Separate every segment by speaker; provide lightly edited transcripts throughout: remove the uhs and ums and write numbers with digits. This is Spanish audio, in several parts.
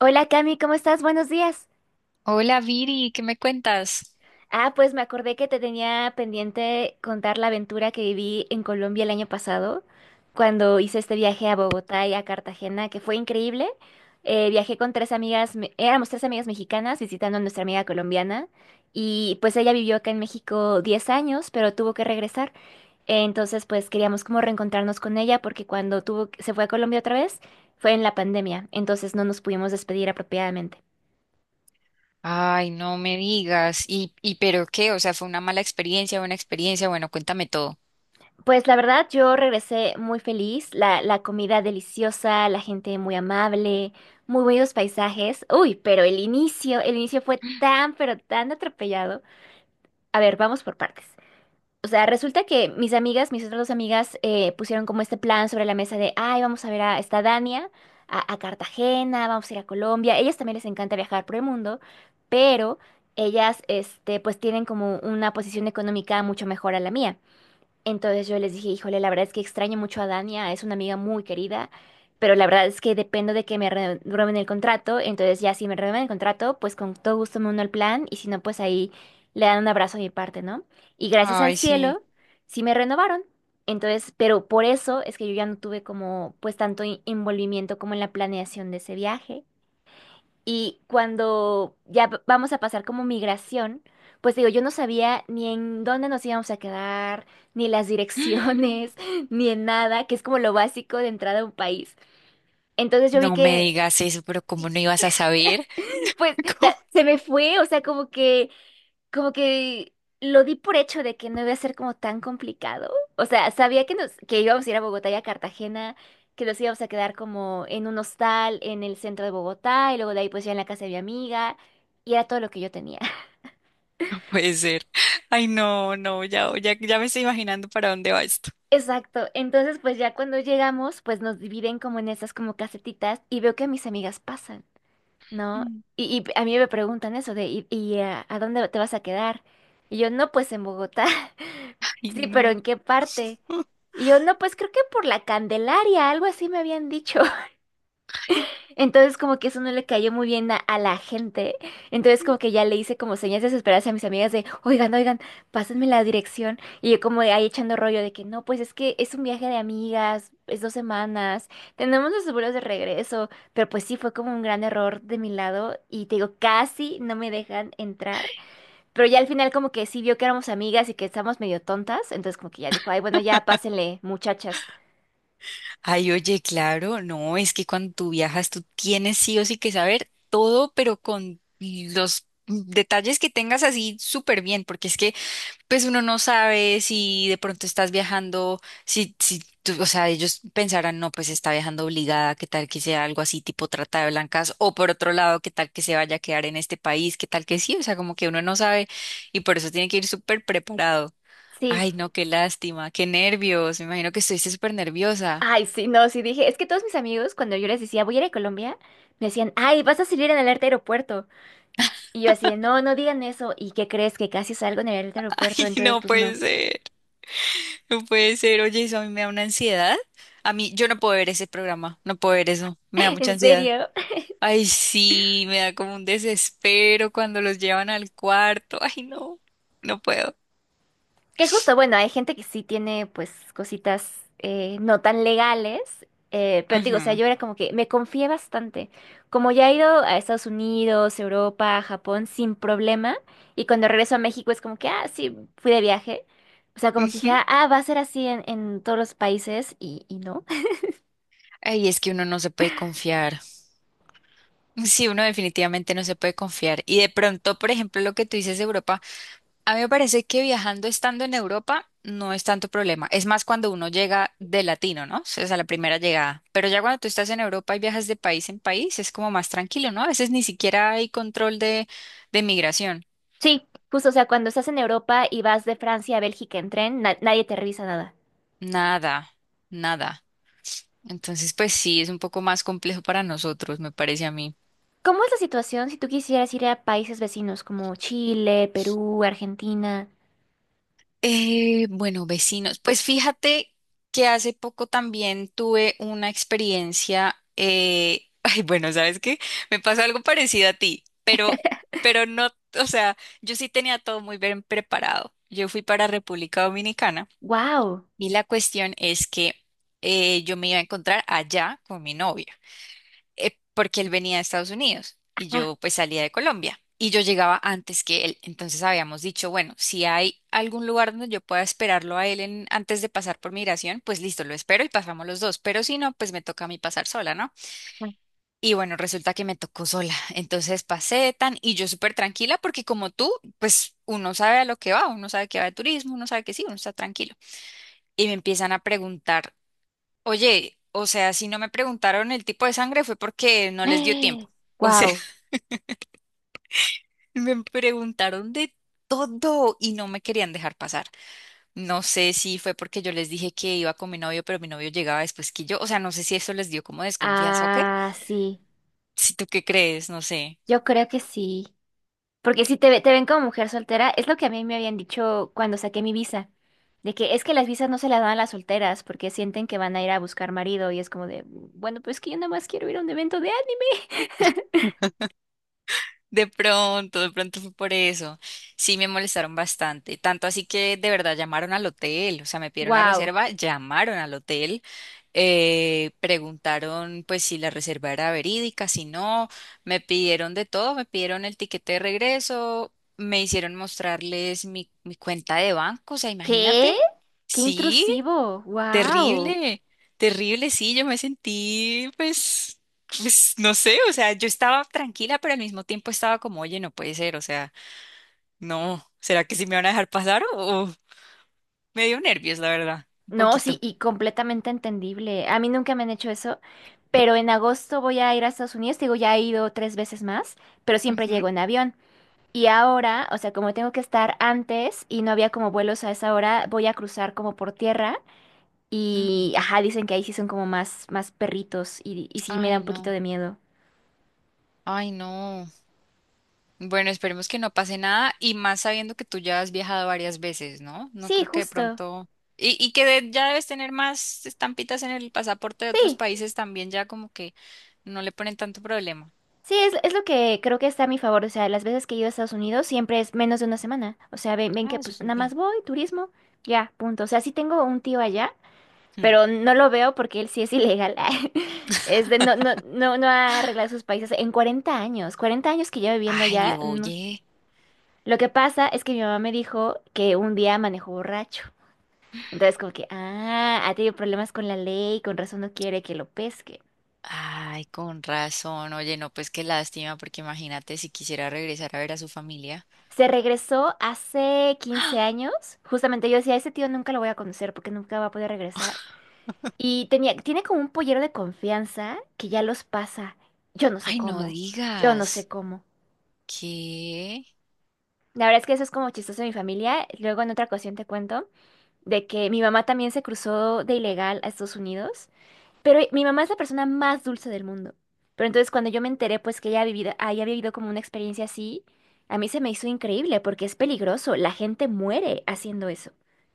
Speaker 1: Hola Cami, ¿cómo estás? Buenos días.
Speaker 2: Hola Viri, ¿qué me cuentas?
Speaker 1: Ah, pues me acordé que te tenía pendiente contar la aventura que viví en Colombia el año pasado, cuando hice este viaje a Bogotá y a Cartagena, que fue increíble. Viajé con tres amigas, éramos tres amigas mexicanas visitando a nuestra amiga colombiana y pues ella vivió acá en México 10 años, pero tuvo que regresar. Entonces pues queríamos como reencontrarnos con ella porque cuando tuvo, se fue a Colombia otra vez fue en la pandemia, entonces no nos pudimos despedir apropiadamente.
Speaker 2: Ay, no me digas. ¿Y pero qué? O sea, ¿fue una mala experiencia, buena experiencia? Bueno, cuéntame todo.
Speaker 1: Pues la verdad, yo regresé muy feliz, la comida deliciosa, la gente muy amable, muy buenos paisajes. Uy, pero el inicio fue tan, pero tan atropellado. A ver, vamos por partes. O sea, resulta que mis amigas, mis otras dos amigas, pusieron como este plan sobre la mesa de, ay, vamos a ver a esta Dania, a Cartagena, vamos a ir a Colombia. Ellas también les encanta viajar por el mundo, pero ellas, pues tienen como una posición económica mucho mejor a la mía. Entonces yo les dije, híjole, la verdad es que extraño mucho a Dania, es una amiga muy querida, pero la verdad es que dependo de que me renueven el contrato, entonces ya si me renuevan el contrato, pues con todo gusto me uno al plan y si no, pues ahí le dan un abrazo a mi parte, ¿no? Y gracias al
Speaker 2: Ay, sí.
Speaker 1: cielo, sí me renovaron. Entonces, pero por eso es que yo ya no tuve como pues tanto envolvimiento como en la planeación de ese viaje. Y cuando ya vamos a pasar como migración, pues digo, yo no sabía ni en dónde nos íbamos a quedar, ni las direcciones, ni en nada, que es como lo básico de entrada a un país. Entonces yo vi
Speaker 2: No me
Speaker 1: que,
Speaker 2: digas eso, pero ¿cómo no ibas a saber?
Speaker 1: pues,
Speaker 2: ¿Cómo?
Speaker 1: se me fue, o sea, como que lo di por hecho de que no iba a ser como tan complicado. O sea, sabía que nos, que íbamos a ir a Bogotá y a Cartagena, que nos íbamos a quedar como en un hostal en el centro de Bogotá, y luego de ahí pues ya en la casa de mi amiga, y era todo lo que yo tenía.
Speaker 2: No puede ser. Ay, no, no, ya, ya, ya me estoy imaginando para dónde va esto.
Speaker 1: Exacto. Entonces, pues ya cuando llegamos, pues nos dividen como en esas como casetitas y veo que a mis amigas pasan, ¿no?
Speaker 2: Mm.
Speaker 1: Y a mí me preguntan eso de, ¿y a dónde te vas a quedar? Y yo, no, pues en Bogotá.
Speaker 2: Ay,
Speaker 1: Sí, pero
Speaker 2: no.
Speaker 1: ¿en qué parte? Y yo, no, pues creo que por la Candelaria, algo así me habían dicho.
Speaker 2: Ay,
Speaker 1: Entonces como que eso no le cayó muy bien a la gente. Entonces como que ya le hice como señas desesperadas a mis amigas de, oigan, oigan, pásenme la dirección. Y yo como ahí echando rollo de que no, pues es que es un viaje de amigas, es 2 semanas, tenemos los seguros de regreso. Pero pues sí, fue como un gran error de mi lado y te digo, casi no me dejan entrar. Pero ya al final como que sí vio que éramos amigas y que estábamos medio tontas. Entonces como que ya dijo, ay, bueno, ya pásenle, muchachas.
Speaker 2: Oye, claro, no, es que cuando tú viajas, tú tienes sí o sí que saber todo, pero con los detalles que tengas así súper bien, porque es que pues uno no sabe si de pronto estás viajando, si, si tú- o sea, ellos pensarán, no, pues está viajando obligada, qué tal que sea algo así tipo trata de blancas, o por otro lado, qué tal que se vaya a quedar en este país, qué tal que sí, o sea, como que uno no sabe y por eso tiene que ir súper preparado.
Speaker 1: Sí.
Speaker 2: Ay, no, qué lástima, qué nervios, me imagino que estuviste súper nerviosa.
Speaker 1: Ay, sí, no, sí dije, es que todos mis amigos cuando yo les decía, voy a ir a Colombia, me decían, ay, vas a salir en el alerta aeropuerto. Y yo así, de, no, no digan eso. ¿Y qué crees que casi salgo en el alerta aeropuerto?
Speaker 2: Ay,
Speaker 1: Entonces,
Speaker 2: no
Speaker 1: pues
Speaker 2: puede
Speaker 1: no.
Speaker 2: ser, no puede ser, oye, eso a mí me da una ansiedad. A mí, yo no puedo ver ese programa, no puedo ver eso, me da mucha
Speaker 1: En
Speaker 2: ansiedad.
Speaker 1: serio.
Speaker 2: Ay, sí, me da como un desespero cuando los llevan al cuarto. Ay, no, no puedo.
Speaker 1: Que justo, bueno, hay gente que sí tiene pues cositas no tan legales, pero te digo, o sea,
Speaker 2: Ujú,
Speaker 1: yo era como que me confié bastante. Como ya he ido a Estados Unidos, Europa, Japón sin problema, y cuando regreso a México es como que, ah, sí, fui de viaje. O sea, como que
Speaker 2: ujú.
Speaker 1: dije, ah, va a ser así en todos los países y no.
Speaker 2: Ay, es que uno no se puede confiar. Sí, uno definitivamente no se puede confiar. Y de pronto, por ejemplo, lo que tú dices de Europa, a mí me parece que viajando estando en Europa no es tanto problema. Es más cuando uno llega de latino, ¿no? O sea, la primera llegada. Pero ya cuando tú estás en Europa y viajas de país en país, es como más tranquilo, ¿no? A veces ni siquiera hay control de migración.
Speaker 1: Sí, justo, o sea, cuando estás en Europa y vas de Francia a Bélgica en tren, nadie te revisa nada.
Speaker 2: Nada, nada. Entonces, pues sí, es un poco más complejo para nosotros, me parece a mí.
Speaker 1: ¿Cómo es la situación si tú quisieras ir a países vecinos como Chile, Perú, Argentina?
Speaker 2: Bueno, vecinos, pues fíjate que hace poco también tuve una experiencia, ay, bueno, ¿sabes qué? Me pasó algo parecido a ti, pero no, o sea, yo sí tenía todo muy bien preparado. Yo fui para República Dominicana
Speaker 1: Wow.
Speaker 2: y la cuestión es que yo me iba a encontrar allá con mi novia. Porque él venía de Estados Unidos y yo pues salía de Colombia y yo llegaba antes que él. Entonces habíamos dicho, bueno, si hay algún lugar donde yo pueda esperarlo a él antes de pasar por migración, pues listo, lo espero y pasamos los dos, pero si no, pues me toca a mí pasar sola, ¿no? Y bueno, resulta que me tocó sola. Entonces pasé tan y yo súper tranquila porque como tú, pues uno sabe a lo que va, uno sabe que va de turismo, uno sabe que sí, uno está tranquilo. Y me empiezan a preguntar, oye, o sea, si no me preguntaron el tipo de sangre fue porque no les dio tiempo. O sea,
Speaker 1: Wow.
Speaker 2: me preguntaron de todo y no me querían dejar pasar. No sé si fue porque yo les dije que iba con mi novio, pero mi novio llegaba después que yo. O sea, no sé si eso les dio como desconfianza o qué.
Speaker 1: Ah, sí.
Speaker 2: Si tú qué crees, no sé.
Speaker 1: Yo creo que sí. Porque si te, te ven como mujer soltera, es lo que a mí me habían dicho cuando saqué mi visa. De que es que las visas no se las dan a las solteras porque sienten que van a ir a buscar marido y es como de, bueno, pues que yo nada más quiero ir a un evento de anime.
Speaker 2: De pronto fue por eso. Sí, me molestaron bastante. Tanto así que de verdad llamaron al hotel, o sea, me pidieron la
Speaker 1: Wow.
Speaker 2: reserva, llamaron al hotel, preguntaron pues si la reserva era verídica, si no, me pidieron de todo, me pidieron el tiquete de regreso, me hicieron mostrarles mi cuenta de banco, o sea,
Speaker 1: ¿Qué?
Speaker 2: imagínate.
Speaker 1: ¡Qué
Speaker 2: Sí.
Speaker 1: intrusivo! Wow.
Speaker 2: Terrible, terrible, sí, yo me sentí, pues, pues, no sé, o sea, yo estaba tranquila, pero al mismo tiempo estaba como, oye, no puede ser, o sea, no, ¿será que sí me van a dejar pasar? Me dio nervios, la verdad, un
Speaker 1: No, sí,
Speaker 2: poquito.
Speaker 1: y completamente entendible. A mí nunca me han hecho eso, pero en agosto voy a ir a Estados Unidos. Digo, ya he ido tres veces más, pero siempre
Speaker 2: Ujú.
Speaker 1: llego en avión. Y ahora, o sea, como tengo que estar antes y no había como vuelos a esa hora, voy a cruzar como por tierra y,
Speaker 2: Mm,
Speaker 1: ajá, dicen que ahí sí son como más, más perritos y sí me da
Speaker 2: ay,
Speaker 1: un poquito
Speaker 2: no,
Speaker 1: de miedo.
Speaker 2: ay, no. Bueno, esperemos que no pase nada y más sabiendo que tú ya has viajado varias veces, ¿no? No
Speaker 1: Sí,
Speaker 2: creo que de
Speaker 1: justo.
Speaker 2: pronto... Y ya debes tener más estampitas en el pasaporte de otros
Speaker 1: Sí,
Speaker 2: países también, ya como que no le ponen tanto problema.
Speaker 1: sí, es lo que creo que está a mi favor. O sea, las veces que he ido a Estados Unidos siempre es menos de una semana. O sea, ven, ven que
Speaker 2: Ah,
Speaker 1: pues
Speaker 2: súper
Speaker 1: nada
Speaker 2: bien.
Speaker 1: más voy, turismo, ya, punto. O sea, sí tengo un tío allá,
Speaker 2: Hmm.
Speaker 1: pero no lo veo porque él sí es ilegal. Es de, no, no, no, no ha arreglado sus países en 40 años. 40 años que llevo viviendo
Speaker 2: Ay,
Speaker 1: allá. No.
Speaker 2: oye.
Speaker 1: Lo que pasa es que mi mamá me dijo que un día manejó borracho. Entonces, como que, ah, ha tenido problemas con la ley, con razón no quiere que lo pesque.
Speaker 2: Ay, con razón. Oye, no, pues qué lástima, porque imagínate si quisiera regresar a ver a su familia.
Speaker 1: Se regresó hace quince
Speaker 2: ¡Ah!
Speaker 1: años. Justamente yo decía, ese tío nunca lo voy a conocer porque nunca va a poder regresar. Y tenía, tiene como un pollero de confianza que ya los pasa. Yo no sé
Speaker 2: Ay, no
Speaker 1: cómo. Yo no sé
Speaker 2: digas.
Speaker 1: cómo.
Speaker 2: ¿Qué?
Speaker 1: La verdad es que eso es como chistoso de mi familia. Luego en otra ocasión te cuento de que mi mamá también se cruzó de ilegal a Estados Unidos. Pero mi mamá es la persona más dulce del mundo. Pero entonces cuando yo me enteré pues que ella ha vivido, había vivido como una experiencia así, a mí se me hizo increíble porque es peligroso, la gente muere haciendo eso,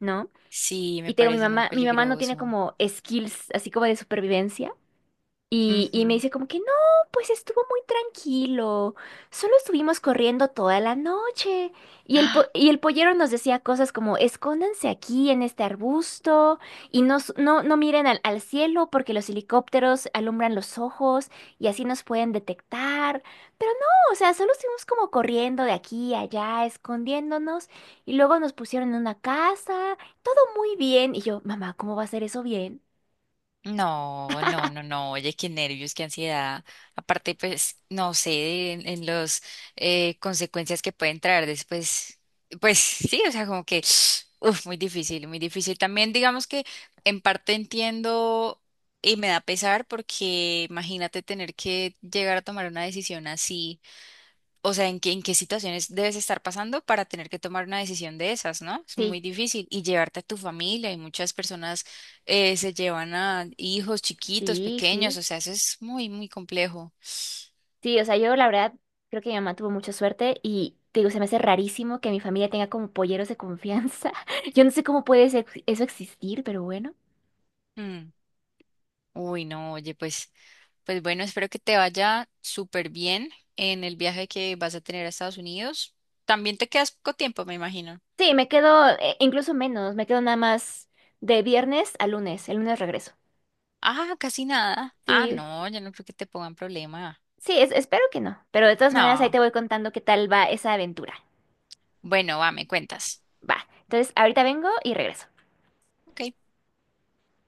Speaker 1: ¿no?
Speaker 2: Sí, me
Speaker 1: Y tengo
Speaker 2: parece muy
Speaker 1: mi mamá no tiene
Speaker 2: peligroso.
Speaker 1: como skills así como de supervivencia, y me
Speaker 2: Ujú.
Speaker 1: dice como que no, pues estuvo muy tranquilo, solo estuvimos corriendo toda la noche. Y el, po-
Speaker 2: ¡Ah!
Speaker 1: y el pollero nos decía cosas como escóndanse aquí en este arbusto y no, no, no miren al, al cielo porque los helicópteros alumbran los ojos y así nos pueden detectar. Pero no, o sea, solo estuvimos como corriendo de aquí a allá, escondiéndonos y luego nos pusieron en una casa, todo muy bien. Y yo, mamá, ¿cómo va a ser eso bien?
Speaker 2: No, no, no, no, oye, qué nervios, qué ansiedad. Aparte, pues, no sé, en los consecuencias que pueden traer después, pues sí, o sea, como que, uf, muy difícil, muy difícil. También digamos que en parte entiendo y me da pesar porque imagínate tener que llegar a tomar una decisión así, o sea, en qué situaciones debes estar pasando para tener que tomar una decisión de esas, ¿no? Es muy
Speaker 1: Sí,
Speaker 2: difícil. Y llevarte a tu familia, y muchas personas se llevan a hijos chiquitos,
Speaker 1: sí,
Speaker 2: pequeños,
Speaker 1: sí.
Speaker 2: o sea, eso es muy, muy complejo.
Speaker 1: Sí, o sea, yo la verdad creo que mi mamá tuvo mucha suerte y te digo, se me hace rarísimo que mi familia tenga como polleros de confianza. Yo no sé cómo puede eso existir, pero bueno.
Speaker 2: Mm. Uy, no, oye, pues, pues bueno, espero que te vaya súper bien en el viaje que vas a tener a Estados Unidos. También te quedas poco tiempo, me imagino.
Speaker 1: Sí, me quedo incluso menos, me quedo nada más de viernes a lunes, el lunes regreso.
Speaker 2: Ah, casi nada. Ah,
Speaker 1: Sí,
Speaker 2: no, yo no creo que te pongan problema.
Speaker 1: sí, espero que no, pero de todas maneras ahí
Speaker 2: No.
Speaker 1: te voy contando qué tal va esa aventura.
Speaker 2: Bueno, va, me cuentas.
Speaker 1: Va, entonces ahorita vengo y regreso.
Speaker 2: Ok.